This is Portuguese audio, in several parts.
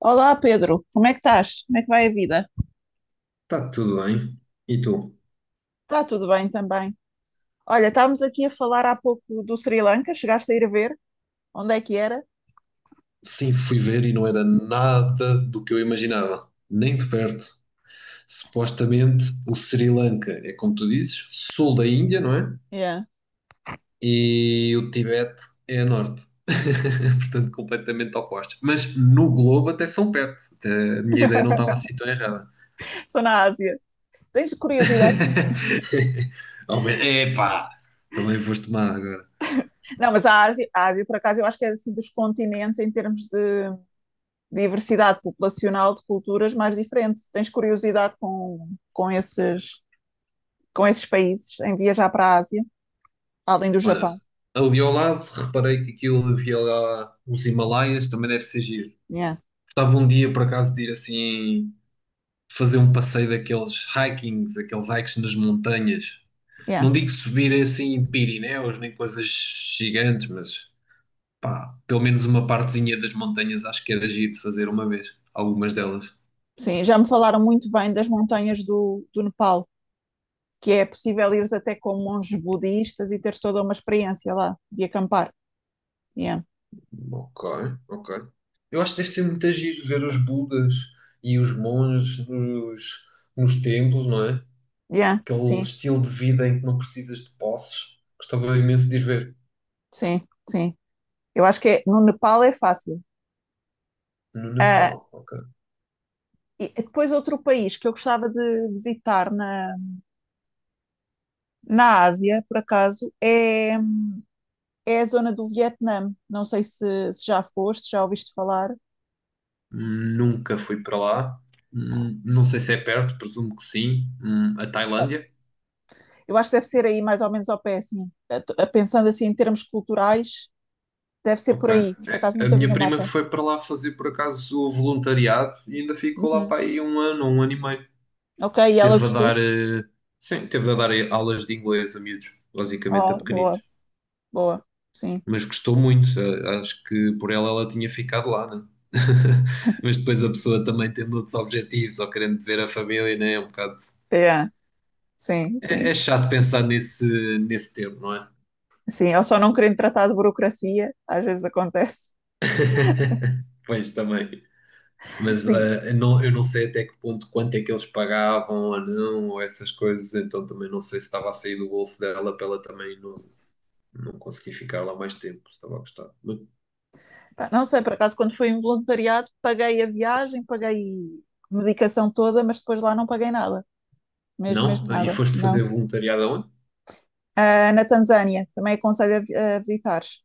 Olá, Pedro, como é que estás? Como é que vai a vida? Está tudo bem. E tu? Está tudo bem também. Olha, estávamos aqui a falar há pouco do Sri Lanka, chegaste a ir ver? Onde é que era? Sim, fui ver e não era nada do que eu imaginava, nem de perto. Supostamente o Sri Lanka é como tu dizes, sul da Índia, não é? Yeah. E o Tibete é a norte. Portanto, completamente opostos. Mas no globo até são perto. Até a minha ideia não estava assim tão errada. Sou na Ásia. Tens curiosidade com. Epá! Também foste má agora. Não, mas a Ásia, por acaso, eu acho que é assim dos continentes em termos de diversidade populacional, de culturas mais diferente. Tens curiosidade com esses, com esses países em viajar para a Ásia, além do Olha, Japão? ali ao lado reparei que aquilo havia lá os Himalaias, também deve ser giro. Yeah, Gostava um dia, por acaso, de ir assim fazer um passeio daqueles hikings, aqueles hikes nas montanhas. yeah. Não digo subir assim em Pirineus nem coisas gigantes, mas pá, pelo menos uma partezinha das montanhas acho que era giro de fazer uma vez. Algumas delas. Sim, já me falaram muito bem das montanhas do Nepal, que é possível ires até com monges budistas e teres toda uma experiência lá de acampar. Yeah. Ok, ok. Eu acho que deve ser muito giro ver os Budas e os monges nos templos, não é? Yeah. Aquele Sim, estilo de vida em que não precisas de posses. Gostava imenso de ir ver. sim, sim. Eu acho que é, no Nepal é fácil. No Ah, Nepal, ok. e depois outro país que eu gostava de visitar na Ásia, por acaso, é a zona do Vietnã. Não sei se já foste, já ouviste falar. Nunca fui para lá. Não sei se é perto, presumo que sim. A Tailândia? Eu acho que deve ser aí mais ou menos ao pé, assim. Pensando assim em termos culturais, deve ser por Ok. aí. Por acaso A nunca vi minha no prima mapa. foi para lá fazer por acaso o voluntariado e ainda ficou lá Uhum. para aí um ano, um ano e meio. Ok, e ela Teve a dar, gostou? Sim, teve a dar aulas de inglês a miúdos, basicamente a Oh, boa. pequeninos. Boa, sim. Mas gostou muito. Acho que por ela tinha ficado lá, né? Mas depois a pessoa também tendo outros objetivos ou querendo ver a família, né? É um bocado. É, sim, É sim. chato pensar nesse termo, não é? Sim, eu só não querendo tratar de burocracia, às vezes acontece. Pois também. Mas Sim. Eu não sei até que ponto, quanto é que eles pagavam ou não, ou essas coisas, então também não sei se estava a sair do bolso dela para ela também não conseguir ficar lá mais tempo, se estava a gostar. Pá, não sei, por acaso, quando fui em voluntariado, paguei a viagem, paguei medicação toda, mas depois lá não paguei nada. Mesmo, mesmo Não? E nada, foste fazer não. voluntariado aonde? Ah, na Tanzânia, também aconselho a visitares.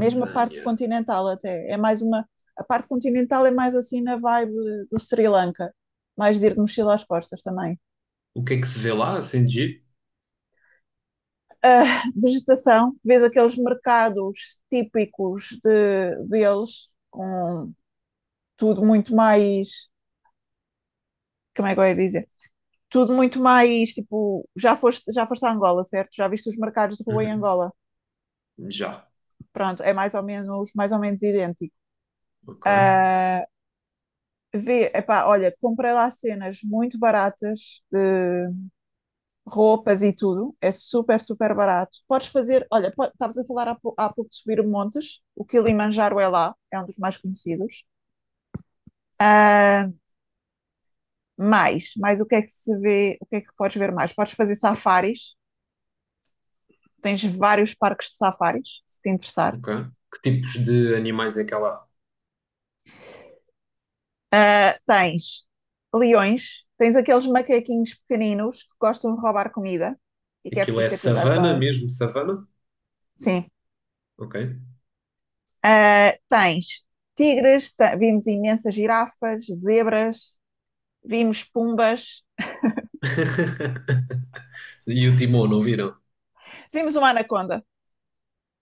Mesmo a parte continental até, é mais uma. A parte continental é mais assim na vibe do Sri Lanka. Mais de ir de mochila às costas também. O que é que se vê lá, assim, de giro? Vegetação, vês aqueles mercados típicos deles, com tudo muito mais, como é que eu ia dizer? Tudo muito mais, tipo, já foste a Angola, certo? Já viste os mercados de rua em Uhum. Angola? Já. Pronto, é mais ou menos idêntico. Ok, Uh, Vê, epá, olha, comprei lá cenas muito baratas de roupas e tudo, é super, super barato. Podes fazer, olha, estavas a falar há pouco de subir montes, o Kilimanjaro é lá, é um dos mais conhecidos. Ah, mais o que é que se vê, o que é que podes ver mais? Podes fazer safaris, tens vários parques de safaris, se te interessar. ok. Que tipos de animais é que há lá? Ah, tens leões, tens aqueles macaquinhos pequeninos que gostam de roubar comida e que é Aquilo preciso é ter cuidado com savana eles. mesmo, savana? Sim. Ok. Ah, tens tigres, vimos imensas girafas, zebras, vimos pumbas, E o Timão, não viram? vimos uma anaconda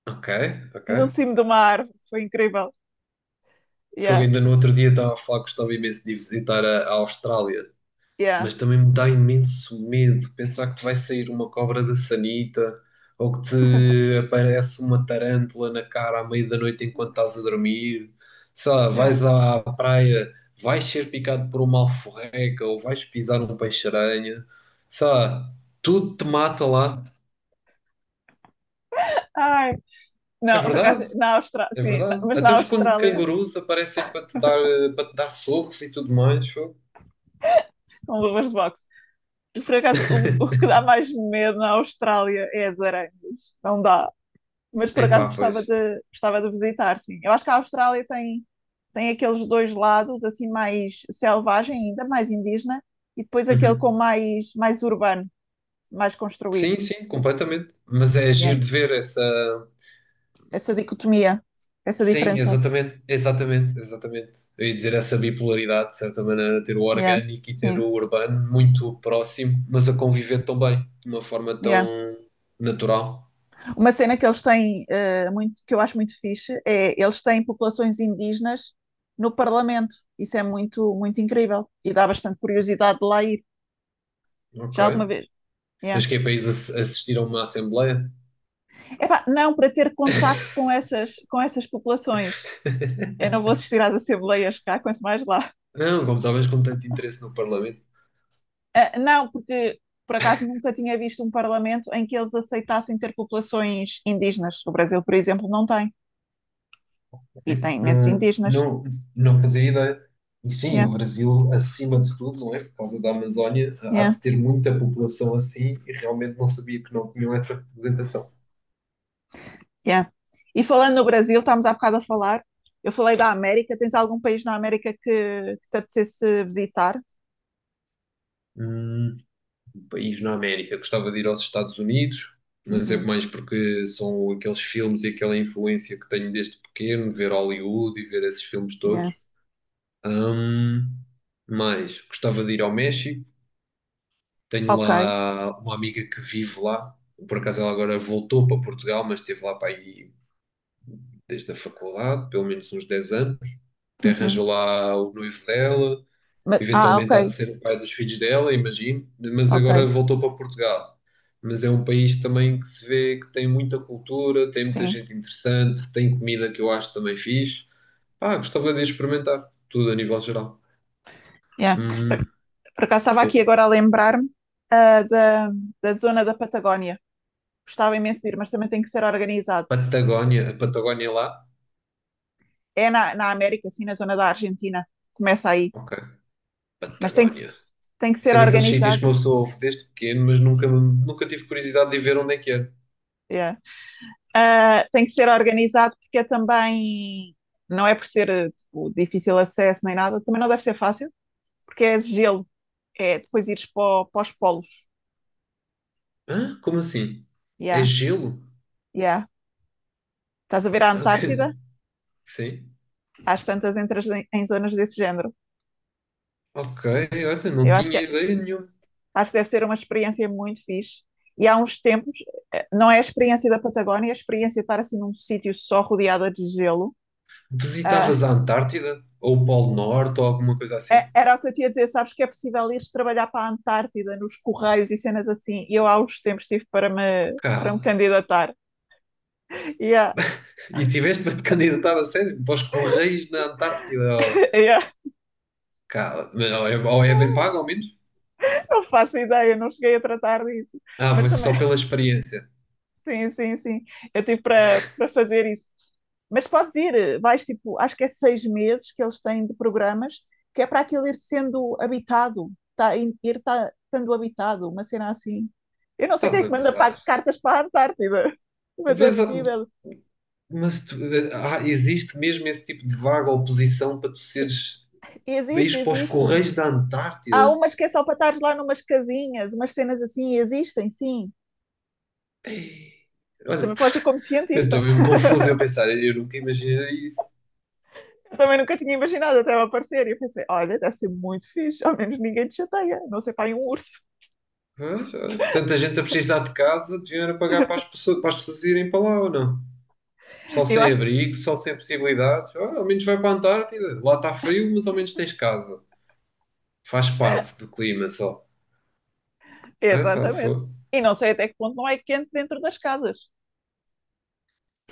Ok, ok. no cimo de uma árvore, foi incrível. Foi Yeah, ainda no outro dia estava a falar que gostava imenso de visitar a Austrália, yeah, mas também me dá imenso medo pensar que te vai sair uma cobra da sanita ou que te aparece uma tarântula na cara à meia da noite enquanto estás a dormir. Sei lá, yeah. vais à praia, vais ser picado por uma alforreca ou vais pisar um peixe-aranha. Sei lá, tudo te mata lá. Ai, É não, por acaso, verdade, na Austrália, é sim, verdade. mas Até na os Austrália, cangurus aparecem para te dar socos e tudo mais. Fogo. com luvas de boxe. Por acaso, o que dá mais medo na Austrália é as aranhas. Não dá. Mas por acaso Epá, pois. gostava de, visitar, sim. Eu acho que a Austrália tem aqueles dois lados, assim, mais selvagem ainda, mais indígena, e depois aquele com Uhum. mais urbano, mais construído. Sim, sim, completamente. Mas é Yeah. giro de ver essa. Essa dicotomia, essa Sim, diferença. exatamente, exatamente, exatamente. Eu ia dizer essa bipolaridade, de certa maneira, ter o Yeah. orgânico e ter Sim. o urbano muito próximo, mas a conviver tão bem, de uma forma Yeah. tão natural. Uma cena que eles têm, muito, que eu acho muito fixe, é eles têm populações indígenas no Parlamento. Isso é muito, muito incrível e dá bastante curiosidade de lá ir. Ok. Já alguma vez? Mas Yeah. que é para isso assistir a uma assembleia? Epá, não, para ter contacto com essas populações. Eu não vou assistir às assembleias cá, quanto mais lá. Não, como talvez com tanto interesse no Parlamento. Ah, não, porque por acaso nunca tinha visto um parlamento em que eles aceitassem ter populações indígenas. O Brasil, por exemplo, não tem. E Né? tem imensos Não, indígenas. não, não fazia ideia. E sim, Yeah, o Brasil, acima de tudo, não é? Por causa da Amazónia, há yeah. de ter muita população assim e realmente não sabia que não tinham essa representação. Yeah. E falando no Brasil, estávamos há bocado a falar. Eu falei da América. Tens algum país na América que te apetecesse visitar? Hum, Um país na América. Gostava de ir aos Estados Unidos, mas é Uhum. mais porque são aqueles filmes e aquela influência que tenho desde pequeno, ver Hollywood e ver esses filmes todos. Yeah. Hum, mas gostava de ir ao México. Tenho Ok. lá uma amiga que vive lá. Por acaso ela agora voltou para Portugal, mas esteve lá para aí desde a faculdade, pelo menos uns 10 anos. Até Uhum. arranjou lá o noivo dela, Mas, ah, ok. eventualmente há de ser o pai dos filhos dela, imagino, mas Ok. agora voltou para Portugal. Mas é um país também que se vê que tem muita cultura, tem muita Sim. gente interessante, tem comida que eu acho também fixe. Pá, gostava de experimentar tudo a nível geral. Yeah. Hum, Por acaso estava aqui Desculpa. agora a lembrar-me, ah, da, da zona da Patagónia. Gostava imenso de ir, mas também tem que ser organizado. Patagónia, a Patagónia lá? É na América, assim, na zona da Argentina. Começa aí. Ok, Mas tem que, Patagónia. se- tem que Isso ser é daqueles sítios organizado. que uma pessoa ouve desde pequeno, mas nunca, nunca tive curiosidade de ver onde é que era. Yeah. Tem que ser organizado porque é também, não é por ser tipo difícil acesso nem nada, também não deve ser fácil, porque é gelo, é depois ires para os polos. Hã? Como assim? É Yeah, gelo? yeah. Estás a ver a Ok. Antártida? Sim. Às tantas entras em zonas desse género. Ok, olha, não Eu acho tinha que, ideia nenhuma. acho que deve ser uma experiência muito fixe. E há uns tempos, não é a experiência da Patagónia, é a experiência de estar assim num sítio só rodeada de gelo. ah, Visitavas a Antártida? Ou o Polo Norte ou alguma coisa assim? Era o que eu tinha a dizer, sabes que é possível ir trabalhar para a Antártida nos Correios e cenas assim. E eu há uns tempos tive para me, Cala. candidatar. E E tiveste para te candidatar a sério? Para os Correios na Antártida? Ou... Cala. Mas ou é bem pago, ao menos? não faço ideia, não cheguei a tratar disso. Ah, Mas foi também, só pela experiência. sim, sim, sim. Eu tive para fazer isso. Mas podes ir, vais tipo, acho que é 6 meses que eles têm de programas, que é para aquilo ir sendo habitado, tá, ir, tá, estando habitado, uma cena assim. Eu não sei quem Estás é a que manda gozar. Cartas para a Antártida, mas é Mas, ah, possível. mas existe mesmo esse tipo de vaga oposição para tu seres país Existe, para os existe. Correios da Há Antártida. umas que é só para estar lá numas casinhas, umas cenas assim, existem, sim. Ei, olha, Também pode ser como eu estou cientista. mesmo confuso eu pensar, eu nunca imaginei isso. Eu também nunca tinha imaginado até ela aparecer. E eu pensei: olha, deve ser muito fixe, ao menos ninguém te chateia, não sei, para um urso. Mas, olha, tanta gente a precisar de casa, deviam era pagar para as pessoas, irem para lá ou não? Pessoal Eu sem acho que. abrigo, pessoal sem possibilidades. Olha, ao menos vai para a Antártida. Lá está frio, mas ao menos tens casa. Faz parte do clima só. Epá. Exatamente. E não sei até que ponto não é quente dentro das casas.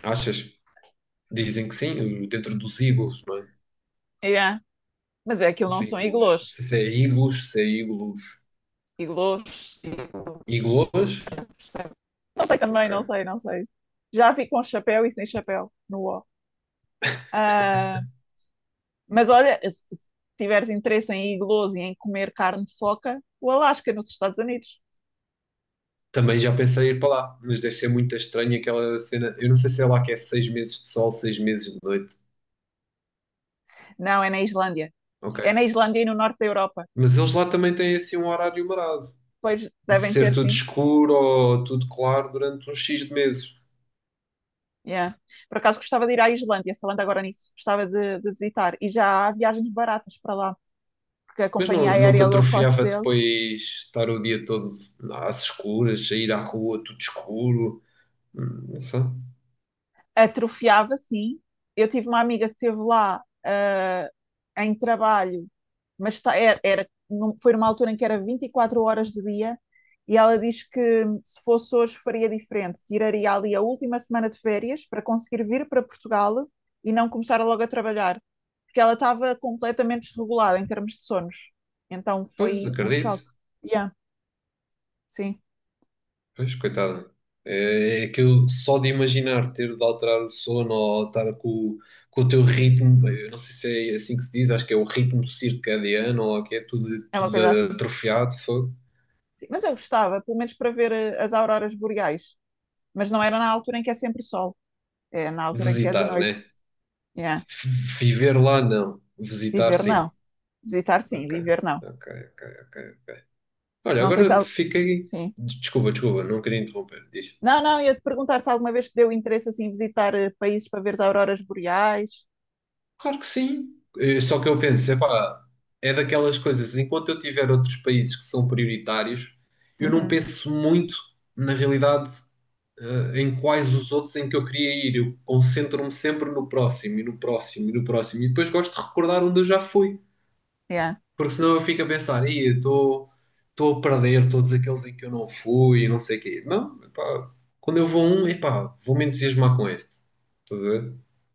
Achas? Dizem que sim, dentro dos iglus, não é? Yeah. Mas é que Os não são iglus. Não iglôs. sei se é iglus, se é iglus. Iglôs. Iglôs. Iglus? Sei. Não sei também, não Ok. sei, não sei. Já vi com chapéu e sem chapéu no o. Ah, mas olha, se tiveres interesse em iglós e em comer carne de foca, o Alasca, nos Estados Unidos. Também já pensei em ir para lá, mas deve ser muito estranho aquela cena. Eu não sei se é lá que é 6 meses de sol, 6 meses de noite. Não, é na Islândia. É na Ok. Islândia e no norte da Europa. Mas eles lá também têm assim um horário marado, Pois de devem ter, ser tudo sim. escuro ou tudo claro durante uns X de meses. Yeah. Por acaso gostava de ir à Islândia, falando agora nisso, gostava de visitar. E já há viagens baratas para lá, porque a Mas companhia não te aérea low cost atrofiava dele depois estar o dia todo às escuras, sair à rua tudo escuro? Não sei. atrofiava, sim. Eu tive uma amiga que esteve lá, em trabalho, mas foi numa altura em que era 24 horas de dia, e ela diz que se fosse hoje faria diferente, tiraria ali a última semana de férias para conseguir vir para Portugal e não começar logo a trabalhar, porque ela estava completamente desregulada em termos de sonos. Então Pois, foi um acredito. choque. Yeah, sim, Pois, coitada. É aquilo só de imaginar ter de alterar o sono ou estar com o teu ritmo, eu não sei se é assim que se diz, acho que é o ritmo circadiano ou o que é tudo, é uma tudo coisa assim. atrofiado, foi Sim, mas eu gostava, pelo menos para ver, as auroras boreais, mas não era na altura em que é sempre sol, é na altura em que é de visitar, noite. né? Yeah. F- Viver lá, não. Visitar, Viver sim. não, visitar sim, Ok, viver não. ok, ok, ok. Olha, Não sei se agora al- fiquei. Sim. Desculpa, desculpa, não queria interromper. Diz. Não, não, ia te perguntar se alguma vez te deu interesse assim visitar, países para ver as auroras boreais. Claro que sim. Só que eu penso, epá, é daquelas coisas, enquanto eu tiver outros países que são prioritários, eu não Uhum. penso muito, na realidade, em quais os outros em que eu queria ir. Eu concentro-me sempre no próximo, e no próximo, e no próximo. E depois gosto de recordar onde eu já fui. Yeah. Porque senão eu fico a pensar, "Ih, eu estou a perder todos aqueles em que eu não fui, e não sei o quê. Não, epá, quando eu vou a um, epá, vou me entusiasmar com este.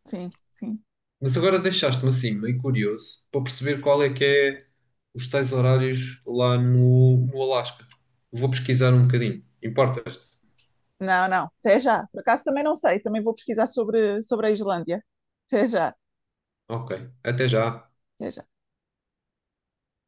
Sim, sim. Mas agora deixaste-me assim meio curioso para perceber qual é que é os tais horários lá no Alasca. Vou pesquisar um bocadinho. Importas-te? Não, não. Até já. Por acaso também não sei. Também vou pesquisar sobre, a Islândia. Até já. Ok, até já. Até já.